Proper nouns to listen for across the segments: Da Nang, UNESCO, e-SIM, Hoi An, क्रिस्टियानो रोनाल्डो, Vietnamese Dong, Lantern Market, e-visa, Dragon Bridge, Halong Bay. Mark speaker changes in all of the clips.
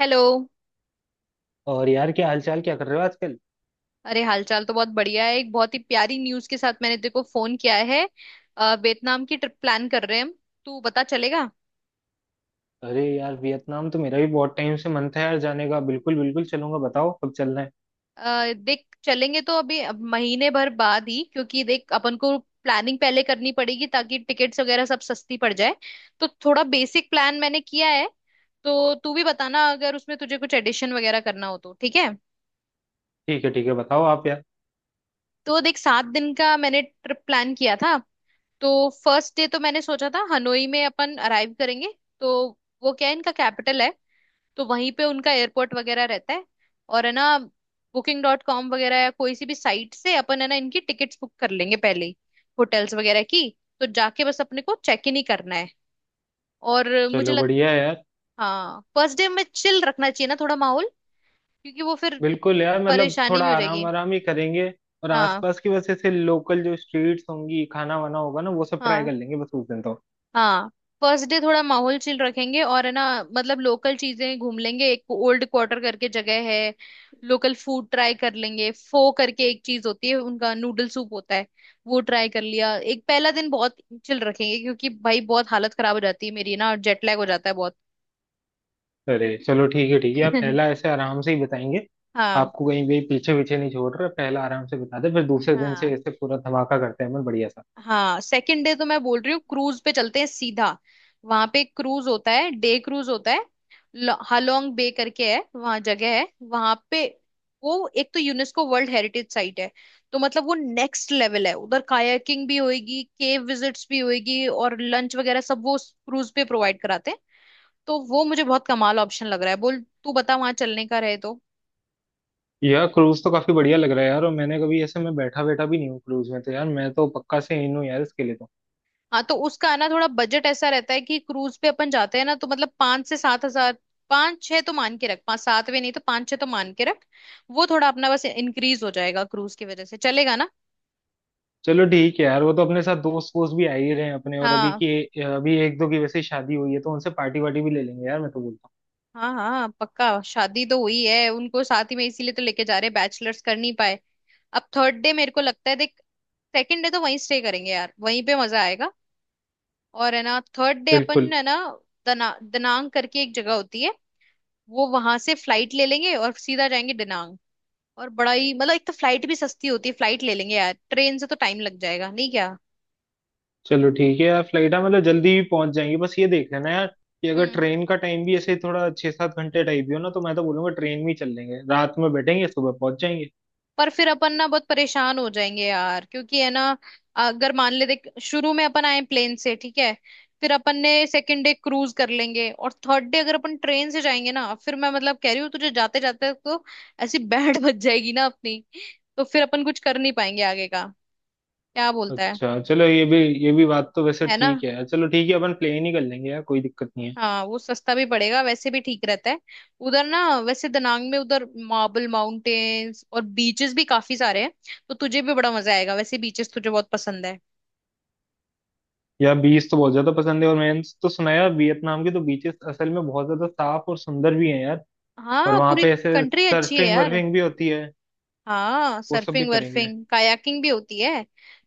Speaker 1: Hello.
Speaker 2: और यार क्या हालचाल, क्या कर रहे हो आजकल।
Speaker 1: अरे हालचाल तो बहुत बढ़िया है। एक बहुत ही प्यारी न्यूज़ के साथ मैंने तेरे को फोन किया है। वियतनाम की ट्रिप प्लान कर रहे हैं हम। तू बता, चलेगा?
Speaker 2: अरे यार वियतनाम तो मेरा भी बहुत टाइम से मन था यार जाने का। बिल्कुल बिल्कुल चलूंगा, बताओ कब चलना है।
Speaker 1: देख, चलेंगे तो अभी, अब महीने भर बाद ही, क्योंकि देख अपन को प्लानिंग पहले करनी पड़ेगी ताकि टिकट्स वगैरह सब सस्ती पड़ जाए। तो थोड़ा बेसिक प्लान मैंने किया है। तो तू भी बताना, अगर उसमें तुझे कुछ एडिशन वगैरह करना हो तो। ठीक है,
Speaker 2: ठीक है ठीक है, बताओ आप यार।
Speaker 1: तो देख, 7 दिन का मैंने ट्रिप प्लान किया था। तो फर्स्ट डे तो मैंने सोचा था हनोई में अपन अराइव करेंगे। तो वो क्या है, इनका कैपिटल है। तो वहीं पे उनका एयरपोर्ट वगैरह रहता है और है ना, बुकिंग डॉट कॉम वगैरह या कोई सी भी साइट से अपन है ना, इनकी टिकट्स बुक कर लेंगे पहले ही, होटल्स वगैरह की। तो जाके बस अपने को चेक इन ही करना है। और मुझे
Speaker 2: चलो
Speaker 1: लग,
Speaker 2: बढ़िया है यार।
Speaker 1: हाँ फर्स्ट डे में चिल रखना चाहिए ना थोड़ा माहौल, क्योंकि वो फिर
Speaker 2: बिल्कुल यार, मतलब
Speaker 1: परेशानी
Speaker 2: थोड़ा
Speaker 1: भी हो
Speaker 2: आराम
Speaker 1: जाएगी।
Speaker 2: आराम ही करेंगे। और
Speaker 1: हाँ,
Speaker 2: आसपास की वजह से लोकल जो स्ट्रीट्स होंगी, खाना वाना होगा ना, वो सब ट्राई
Speaker 1: हाँ,
Speaker 2: कर लेंगे बस उस दिन तो।
Speaker 1: हाँ, फर्स्ट डे थोड़ा माहौल चिल रखेंगे, और है ना, मतलब लोकल चीजें घूम लेंगे। एक ओल्ड क्वार्टर करके जगह है। लोकल फूड ट्राई कर लेंगे, फो करके एक चीज होती है, उनका नूडल सूप होता है, वो ट्राई कर लिया। एक पहला दिन बहुत चिल रखेंगे क्योंकि भाई बहुत हालत खराब हो जाती है मेरी ना, जेट लैग हो जाता है बहुत।
Speaker 2: अरे चलो ठीक है ठीक है, आप पहला ऐसे आराम से ही बताएंगे।
Speaker 1: हाँ,
Speaker 2: आपको कहीं भी पीछे पीछे नहीं छोड़ रहे, पहला आराम से बता दे, फिर दूसरे दिन से
Speaker 1: हाँ।
Speaker 2: ऐसे पूरा धमाका करते हैं अपन बढ़िया सा।
Speaker 1: हाँ सेकंड डे तो मैं बोल रही हूँ क्रूज पे चलते हैं सीधा। वहां पे एक क्रूज होता है, डे क्रूज होता है। हालोंग बे करके है, वहां जगह है। वहां पे वो एक तो यूनेस्को वर्ल्ड हेरिटेज साइट है। तो मतलब वो नेक्स्ट लेवल है। उधर कायाकिंग भी होएगी, केव विजिट्स भी होएगी, और लंच वगैरह सब वो क्रूज पे प्रोवाइड कराते हैं। तो वो मुझे बहुत कमाल ऑप्शन लग रहा है। बोल तू, बता वहां चलने का रहे तो।
Speaker 2: यार क्रूज तो काफी बढ़िया लग रहा है यार। और मैंने कभी ऐसे मैं बैठा बैठा भी नहीं हूँ क्रूज में, तो यार मैं तो पक्का से इन हूँ यार इसके लिए तो।
Speaker 1: हाँ, तो उसका ना थोड़ा बजट ऐसा रहता है कि क्रूज पे अपन जाते हैं ना तो मतलब 5 से 7 हजार। पांच छह तो मान के रख, पांच सात भी नहीं तो पांच छह तो मान के रख। वो थोड़ा अपना बस इंक्रीज हो जाएगा क्रूज की वजह से, चलेगा ना?
Speaker 2: चलो ठीक है यार, वो तो अपने साथ दोस्त वोस्त भी आ ही रहे हैं अपने। और अभी
Speaker 1: हाँ,
Speaker 2: की अभी एक दो की वैसे ही शादी हुई है तो उनसे पार्टी वार्टी भी ले लेंगे यार, मैं तो बोलता हूँ।
Speaker 1: हाँ, हाँ पक्का। शादी तो हुई है उनको साथ ही में, इसीलिए तो लेके जा रहे हैं, बैचलर्स कर नहीं पाए। अब थर्ड डे मेरे को लगता है देख, सेकंड डे तो वहीं स्टे करेंगे यार, वहीं पे मजा आएगा। और है ना थर्ड डे अपन
Speaker 2: बिल्कुल।
Speaker 1: है ना, दनांग करके एक जगह होती है। वो वहां से फ्लाइट ले लेंगे और सीधा जाएंगे दनांग। और बड़ा ही मतलब, एक तो फ्लाइट भी सस्ती होती है, फ्लाइट ले लेंगे यार, ट्रेन से तो टाइम लग जाएगा नहीं क्या?
Speaker 2: चलो ठीक है यार, फ्लाइट है मतलब जल्दी भी पहुंच जाएंगे। बस ये देख लेना यार कि अगर
Speaker 1: हम्म,
Speaker 2: ट्रेन का टाइम भी ऐसे थोड़ा 6-7 घंटे टाइप भी हो ना, तो मैं तो बोलूंगा ट्रेन में ही चल लेंगे, रात में बैठेंगे सुबह पहुंच जाएंगे।
Speaker 1: पर फिर अपन ना बहुत परेशान हो जाएंगे यार, क्योंकि है ना, अगर मान ले, देख शुरू में अपन आए प्लेन से, ठीक है, फिर अपन ने सेकंड डे क्रूज कर लेंगे, और थर्ड डे अगर अपन ट्रेन से जाएंगे ना, फिर मैं मतलब कह रही हूँ तुझे, जाते जाते तो ऐसी बैंड बज जाएगी ना अपनी, तो फिर अपन कुछ कर नहीं पाएंगे आगे का। क्या बोलता है?
Speaker 2: अच्छा चलो, ये भी बात तो वैसे
Speaker 1: है ना।
Speaker 2: ठीक है। चलो ठीक है, अपन प्लेन ही कर लेंगे यार, कोई दिक्कत नहीं है।
Speaker 1: हाँ वो सस्ता भी पड़ेगा, वैसे भी ठीक रहता है उधर ना। वैसे दनांग में उधर मार्बल माउंटेन्स और बीचेस भी काफी सारे हैं। तो तुझे भी बड़ा मजा आएगा, वैसे बीचेस तुझे बहुत पसंद है।
Speaker 2: यार बीच तो बहुत ज्यादा पसंद है। और मैंने तो सुना है यार वियतनाम के तो बीचेस असल में बहुत ज्यादा साफ और सुंदर भी हैं यार। और
Speaker 1: हाँ
Speaker 2: वहां
Speaker 1: पूरी
Speaker 2: पे ऐसे
Speaker 1: कंट्री अच्छी है
Speaker 2: सर्फिंग
Speaker 1: यार।
Speaker 2: वर्फिंग भी होती है,
Speaker 1: हाँ
Speaker 2: वो सब भी
Speaker 1: सर्फिंग
Speaker 2: करेंगे।
Speaker 1: वर्फिंग कायाकिंग भी होती है।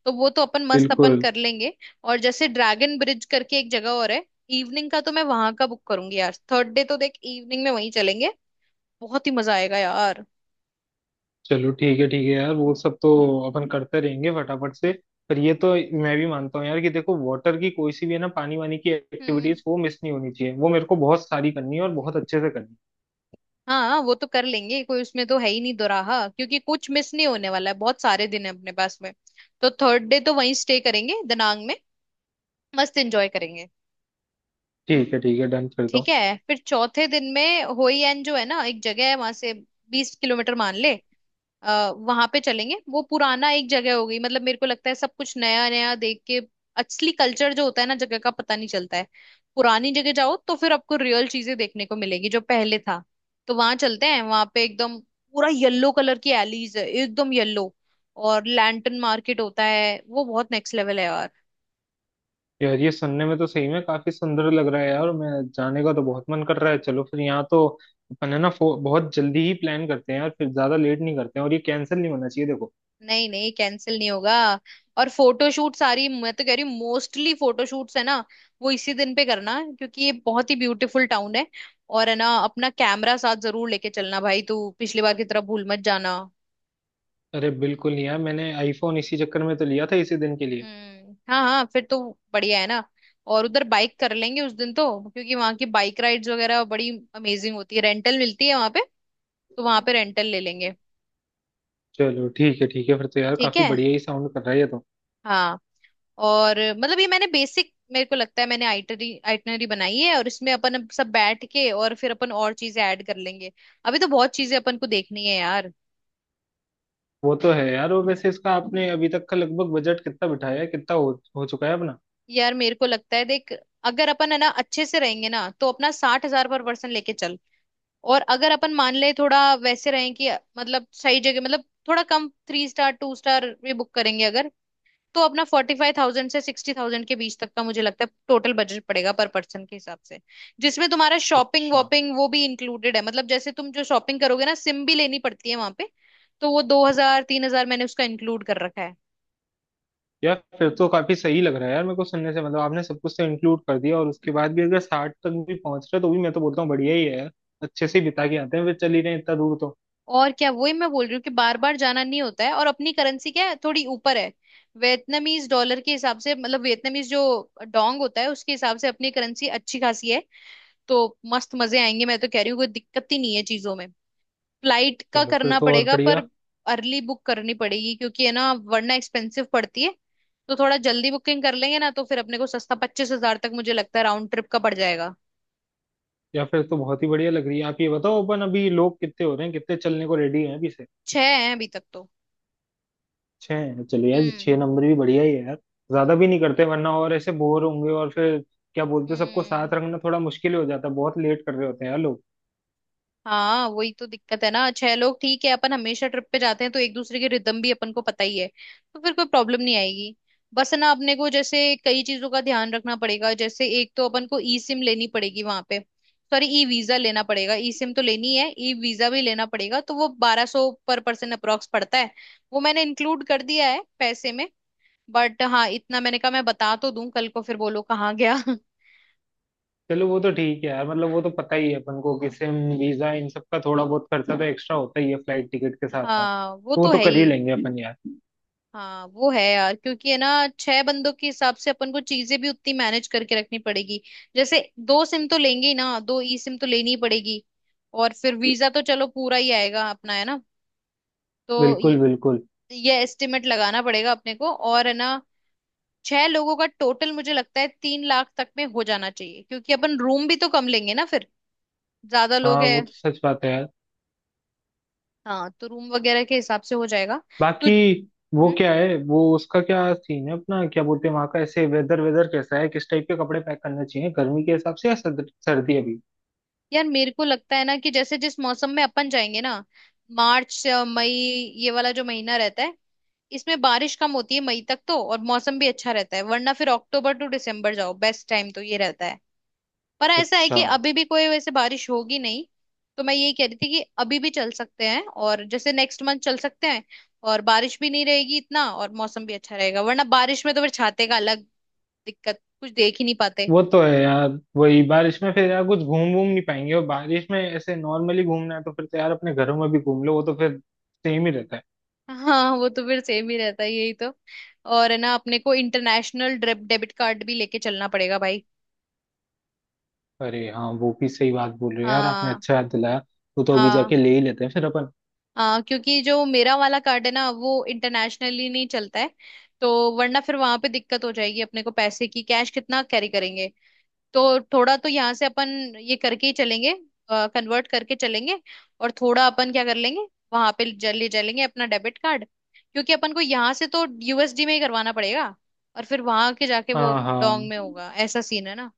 Speaker 1: तो वो तो अपन मस्त, अपन
Speaker 2: बिल्कुल।
Speaker 1: कर लेंगे। और जैसे ड्रैगन ब्रिज करके एक जगह और है। इवनिंग का तो मैं वहां का बुक करूंगी यार, थर्ड डे तो देख इवनिंग में वहीं चलेंगे, बहुत ही मजा आएगा यार।
Speaker 2: चलो ठीक है यार, वो सब तो अपन करते रहेंगे फटाफट से। पर ये तो मैं भी मानता हूँ यार कि देखो वाटर की कोई सी भी है ना, पानी वानी की
Speaker 1: हम्म,
Speaker 2: एक्टिविटीज, वो मिस नहीं होनी चाहिए। वो मेरे को बहुत सारी करनी है और बहुत अच्छे से करनी है।
Speaker 1: हाँ वो तो कर लेंगे, कोई उसमें तो है ही नहीं दोराहा, क्योंकि कुछ मिस नहीं होने वाला है, बहुत सारे दिन है अपने पास में। तो थर्ड डे तो वहीं स्टे करेंगे दनांग में, मस्त एंजॉय करेंगे।
Speaker 2: ठीक है ठीक है, डन फिर तो।
Speaker 1: ठीक है, फिर चौथे दिन में होई एन जो है ना एक जगह है, वहां से 20 किलोमीटर मान ले, वहां पे चलेंगे। वो पुराना एक जगह हो गई, मतलब मेरे को लगता है सब कुछ नया नया देख के असली कल्चर जो होता है ना जगह का, पता नहीं चलता है। पुरानी जगह जाओ तो फिर आपको रियल चीजें देखने को मिलेगी, जो पहले था। तो वहां चलते हैं, वहां पे एकदम पूरा येलो कलर की एलीज है, एकदम येलो। और लैंटन मार्केट होता है, वो बहुत नेक्स्ट लेवल है यार।
Speaker 2: यार ये सुनने में तो सही में काफी सुंदर लग रहा है यार। मैं जाने का तो बहुत मन कर रहा है, चलो फिर यहाँ तो अपन है ना बहुत जल्दी ही प्लान करते हैं यार, फिर ज्यादा लेट नहीं करते हैं। और ये कैंसिल नहीं होना चाहिए देखो।
Speaker 1: नहीं, नहीं, कैंसिल नहीं होगा। और फोटोशूट सारी मैं तो कह रही हूँ मोस्टली फोटोशूट्स है ना वो इसी दिन पे करना, क्योंकि ये बहुत ही ब्यूटीफुल टाउन है। और है ना अपना कैमरा साथ जरूर लेके चलना भाई, तू पिछली बार की तरह भूल मत जाना।
Speaker 2: अरे बिल्कुल यार, मैंने आईफोन इसी चक्कर में तो लिया था इसी दिन के लिए।
Speaker 1: हम्म, हाँ, हाँ फिर तो बढ़िया है ना। और उधर बाइक कर लेंगे उस दिन तो, क्योंकि वहाँ की बाइक राइड्स वगैरह बड़ी अमेजिंग होती है, रेंटल मिलती है वहाँ पे, तो वहाँ पे रेंटल ले लेंगे।
Speaker 2: चलो ठीक है ठीक है, फिर तो यार
Speaker 1: ठीक
Speaker 2: काफी
Speaker 1: है।
Speaker 2: बढ़िया ही साउंड कर रहा है ये तो।
Speaker 1: हाँ और मतलब ये मैंने बेसिक, मेरे को लगता है मैंने आइटरी आइटनरी बनाई है, और इसमें अपन अब सब बैठ के और फिर अपन और चीजें ऐड कर लेंगे। अभी तो बहुत चीजें अपन को देखनी है यार।
Speaker 2: वो तो है यार। और वैसे इसका आपने अभी तक का लगभग बजट कितना बिठाया है, कितना हो चुका है अपना।
Speaker 1: यार मेरे को लगता है देख, अगर अपन है ना अच्छे से रहेंगे ना तो अपना 60 हजार पर पर्सन लेके चल। और अगर अपन मान ले थोड़ा वैसे रहें कि मतलब सही जगह, मतलब थोड़ा कम, थ्री स्टार टू स्टार भी बुक करेंगे अगर, तो अपना 45,000 से 60,000 के बीच तक का मुझे लगता है टोटल बजट पड़ेगा पर पर्सन के हिसाब से, जिसमें तुम्हारा शॉपिंग
Speaker 2: अच्छा
Speaker 1: वॉपिंग वो भी इंक्लूडेड है। मतलब जैसे तुम जो शॉपिंग करोगे ना, सिम भी लेनी पड़ती है वहां पे, तो वो 2 हजार 3 हजार मैंने उसका इंक्लूड कर रखा है।
Speaker 2: यार, फिर तो काफी सही लग रहा है यार मेरे को सुनने से। मतलब आपने सब कुछ तो इंक्लूड कर दिया, और उसके बाद भी अगर साठ तक भी पहुंच रहे तो भी मैं तो बोलता हूँ बढ़िया ही है यार। अच्छे से ही बिता के आते हैं, फिर चल ही रहे हैं इतना दूर तो।
Speaker 1: और क्या, वही मैं बोल रही हूँ कि बार बार जाना नहीं होता है, और अपनी करेंसी क्या है थोड़ी ऊपर है। वियतनामीज डॉलर के हिसाब से, मतलब वियतनामीज जो डोंग होता है उसके हिसाब से अपनी करेंसी अच्छी खासी है। तो मस्त मजे आएंगे, मैं तो कह रही हूँ कोई दिक्कत ही नहीं है चीजों में। फ्लाइट का
Speaker 2: चलो फिर
Speaker 1: करना
Speaker 2: तो और
Speaker 1: पड़ेगा पर,
Speaker 2: बढ़िया।
Speaker 1: अर्ली बुक करनी पड़ेगी क्योंकि है ना वरना एक्सपेंसिव पड़ती है। तो थोड़ा जल्दी बुकिंग कर लेंगे ना तो फिर अपने को सस्ता, 25 हजार तक मुझे लगता है राउंड ट्रिप का पड़ जाएगा।
Speaker 2: या फिर तो बहुत ही बढ़िया लग रही है। आप ये बताओ, अपन अभी लोग कितने हो रहे हैं, कितने चलने को रेडी हैं अभी से।
Speaker 1: छह है अभी तक तो।
Speaker 2: छह हैं, चलो यार,
Speaker 1: हम्म,
Speaker 2: छह नंबर भी बढ़िया ही है यार। ज्यादा भी नहीं करते वरना, और ऐसे बोर होंगे। और फिर क्या बोलते हैं, सबको
Speaker 1: हम्म।
Speaker 2: साथ रखना थोड़ा मुश्किल हो जाता है, बहुत लेट कर रहे होते हैं यार लोग।
Speaker 1: हाँ वही तो दिक्कत है ना, 6 लोग ठीक है, अपन हमेशा ट्रिप पे जाते हैं तो एक दूसरे की रिदम भी अपन को पता ही है, तो फिर कोई प्रॉब्लम नहीं आएगी। बस ना अपने को जैसे कई चीजों का ध्यान रखना पड़ेगा। जैसे एक तो अपन को ई सिम लेनी पड़ेगी वहां पे, सॉरी ई वीजा लेना पड़ेगा। ई सिम तो लेनी है, ई वीजा भी लेना पड़ेगा, तो वो 1200 पर पर्सन अप्रोक्स पड़ता है। वो मैंने इंक्लूड कर दिया है पैसे में। बट हाँ इतना मैंने कहा, मैं बता तो दूं, कल को फिर बोलो कहाँ गया।
Speaker 2: चलो वो तो ठीक है यार, मतलब वो तो पता ही है अपन को कि सिम वीजा इन सब का थोड़ा बहुत खर्चा तो एक्स्ट्रा होता ही है फ्लाइट टिकट के साथ साथ,
Speaker 1: हाँ वो
Speaker 2: तो वो
Speaker 1: तो
Speaker 2: तो
Speaker 1: है
Speaker 2: कर ही
Speaker 1: ही।
Speaker 2: लेंगे अपन यार।
Speaker 1: हाँ वो है यार, क्योंकि है ना 6 बंदों के हिसाब से अपन को चीजें भी उतनी मैनेज करके रखनी पड़ेगी। जैसे, 2 सिम तो लेंगे ही ना, 2 ई सिम तो लेनी ही पड़ेगी। और फिर वीजा तो चलो पूरा ही आएगा अपना, है ना, तो
Speaker 2: बिल्कुल बिल्कुल।
Speaker 1: ये एस्टिमेट लगाना पड़ेगा अपने को। और है ना 6 लोगों का टोटल मुझे लगता है 3 लाख तक में हो जाना चाहिए, क्योंकि अपन रूम भी तो कम लेंगे ना फिर, ज्यादा लोग
Speaker 2: हाँ
Speaker 1: है।
Speaker 2: वो तो सच बात है यार।
Speaker 1: हाँ तो रूम वगैरह के हिसाब से हो जाएगा तो।
Speaker 2: बाकी वो
Speaker 1: हम्म,
Speaker 2: क्या है, वो उसका क्या सीन है अपना, क्या बोलते हैं, वहाँ का ऐसे वेदर वेदर कैसा है, किस टाइप के कपड़े पैक करने चाहिए, गर्मी के हिसाब से या सर्दी अभी।
Speaker 1: यार मेरे को लगता है ना कि जैसे जिस मौसम में अपन जाएंगे ना, मार्च से मई ये वाला जो महीना रहता है, इसमें बारिश कम होती है मई तक तो, और मौसम भी अच्छा रहता है। वरना फिर अक्टूबर टू दिसंबर जाओ, बेस्ट टाइम तो ये रहता है। पर ऐसा है कि
Speaker 2: अच्छा।
Speaker 1: अभी भी कोई वैसे बारिश होगी नहीं, तो मैं यही कह रही थी कि अभी भी चल सकते हैं, और जैसे नेक्स्ट मंथ चल सकते हैं और बारिश भी नहीं रहेगी इतना, और मौसम भी अच्छा रहेगा। वरना बारिश में तो फिर छाते का अलग दिक्कत, कुछ देख ही नहीं पाते।
Speaker 2: वो तो है यार, वही बारिश में फिर यार कुछ घूम घूम नहीं पाएंगे। और बारिश में ऐसे नॉर्मली घूमना है तो फिर तो यार अपने घरों में भी घूम लो, वो तो फिर सेम ही रहता है।
Speaker 1: हाँ वो तो फिर सेम ही रहता है, यही तो। और है ना अपने को इंटरनेशनल डेबिट कार्ड भी लेके चलना पड़ेगा भाई।
Speaker 2: अरे हाँ, वो भी सही बात बोल रहे हो यार, आपने
Speaker 1: हाँ,
Speaker 2: अच्छा याद दिलाया। वो तो अभी
Speaker 1: हाँ।
Speaker 2: जाके ले ही लेते हैं फिर अपन।
Speaker 1: हाँ क्योंकि जो मेरा वाला कार्ड है ना वो इंटरनेशनली नहीं चलता है। तो वरना फिर वहां पे दिक्कत हो जाएगी, अपने को पैसे की, कैश कितना कैरी करेंगे, तो थोड़ा तो यहाँ से अपन ये करके ही चलेंगे, कन्वर्ट करके चलेंगे। और थोड़ा अपन क्या कर लेंगे, वहां पे जल ले चलेंगे अपना डेबिट कार्ड, क्योंकि अपन को यहाँ से तो यूएसडी में ही करवाना पड़ेगा, और फिर वहां के जाके वो
Speaker 2: हाँ
Speaker 1: डोंग
Speaker 2: हाँ।
Speaker 1: में होगा, ऐसा सीन है ना।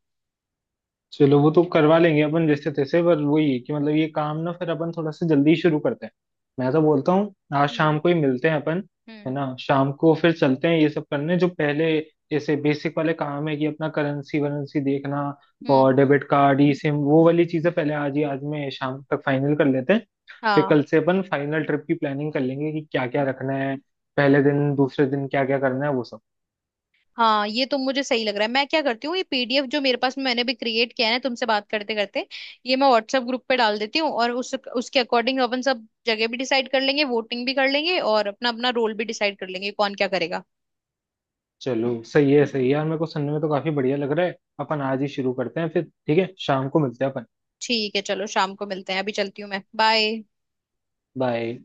Speaker 2: चलो वो तो करवा लेंगे अपन जैसे तैसे। पर वही है कि मतलब ये काम ना फिर अपन थोड़ा सा जल्दी शुरू करते हैं, मैं तो बोलता हूँ आज
Speaker 1: हम्म,
Speaker 2: शाम को ही मिलते हैं अपन। है
Speaker 1: हम्म,
Speaker 2: ना, शाम को फिर चलते हैं ये सब करने, जो पहले जैसे बेसिक वाले काम है, कि अपना करेंसी वरेंसी देखना
Speaker 1: हम्म।
Speaker 2: और डेबिट कार्ड, ई सिम, वो वाली चीजें पहले आज ही, आज में शाम तक फाइनल कर लेते हैं। फिर
Speaker 1: हाँ,
Speaker 2: कल से अपन फाइनल ट्रिप की प्लानिंग कर लेंगे कि क्या क्या रखना है, पहले दिन दूसरे दिन क्या क्या करना है वो सब।
Speaker 1: हाँ ये तो मुझे सही लग रहा है। मैं क्या करती हूँ, ये पीडीएफ जो मेरे पास मैंने भी क्रिएट किया है ना तुमसे बात करते करते, ये मैं व्हाट्सएप ग्रुप पे डाल देती हूँ, और उस उसके अकॉर्डिंग अपन सब जगह भी डिसाइड कर लेंगे, वोटिंग भी कर लेंगे, और अपना अपना रोल भी डिसाइड कर लेंगे कौन क्या करेगा।
Speaker 2: चलो सही है यार, मेरे को सुनने में तो काफी बढ़िया लग रहा है। अपन आज ही शुरू करते हैं फिर, ठीक है, शाम को मिलते हैं अपन।
Speaker 1: ठीक है, चलो शाम को मिलते हैं, अभी चलती हूँ मैं, बाय।
Speaker 2: बाय।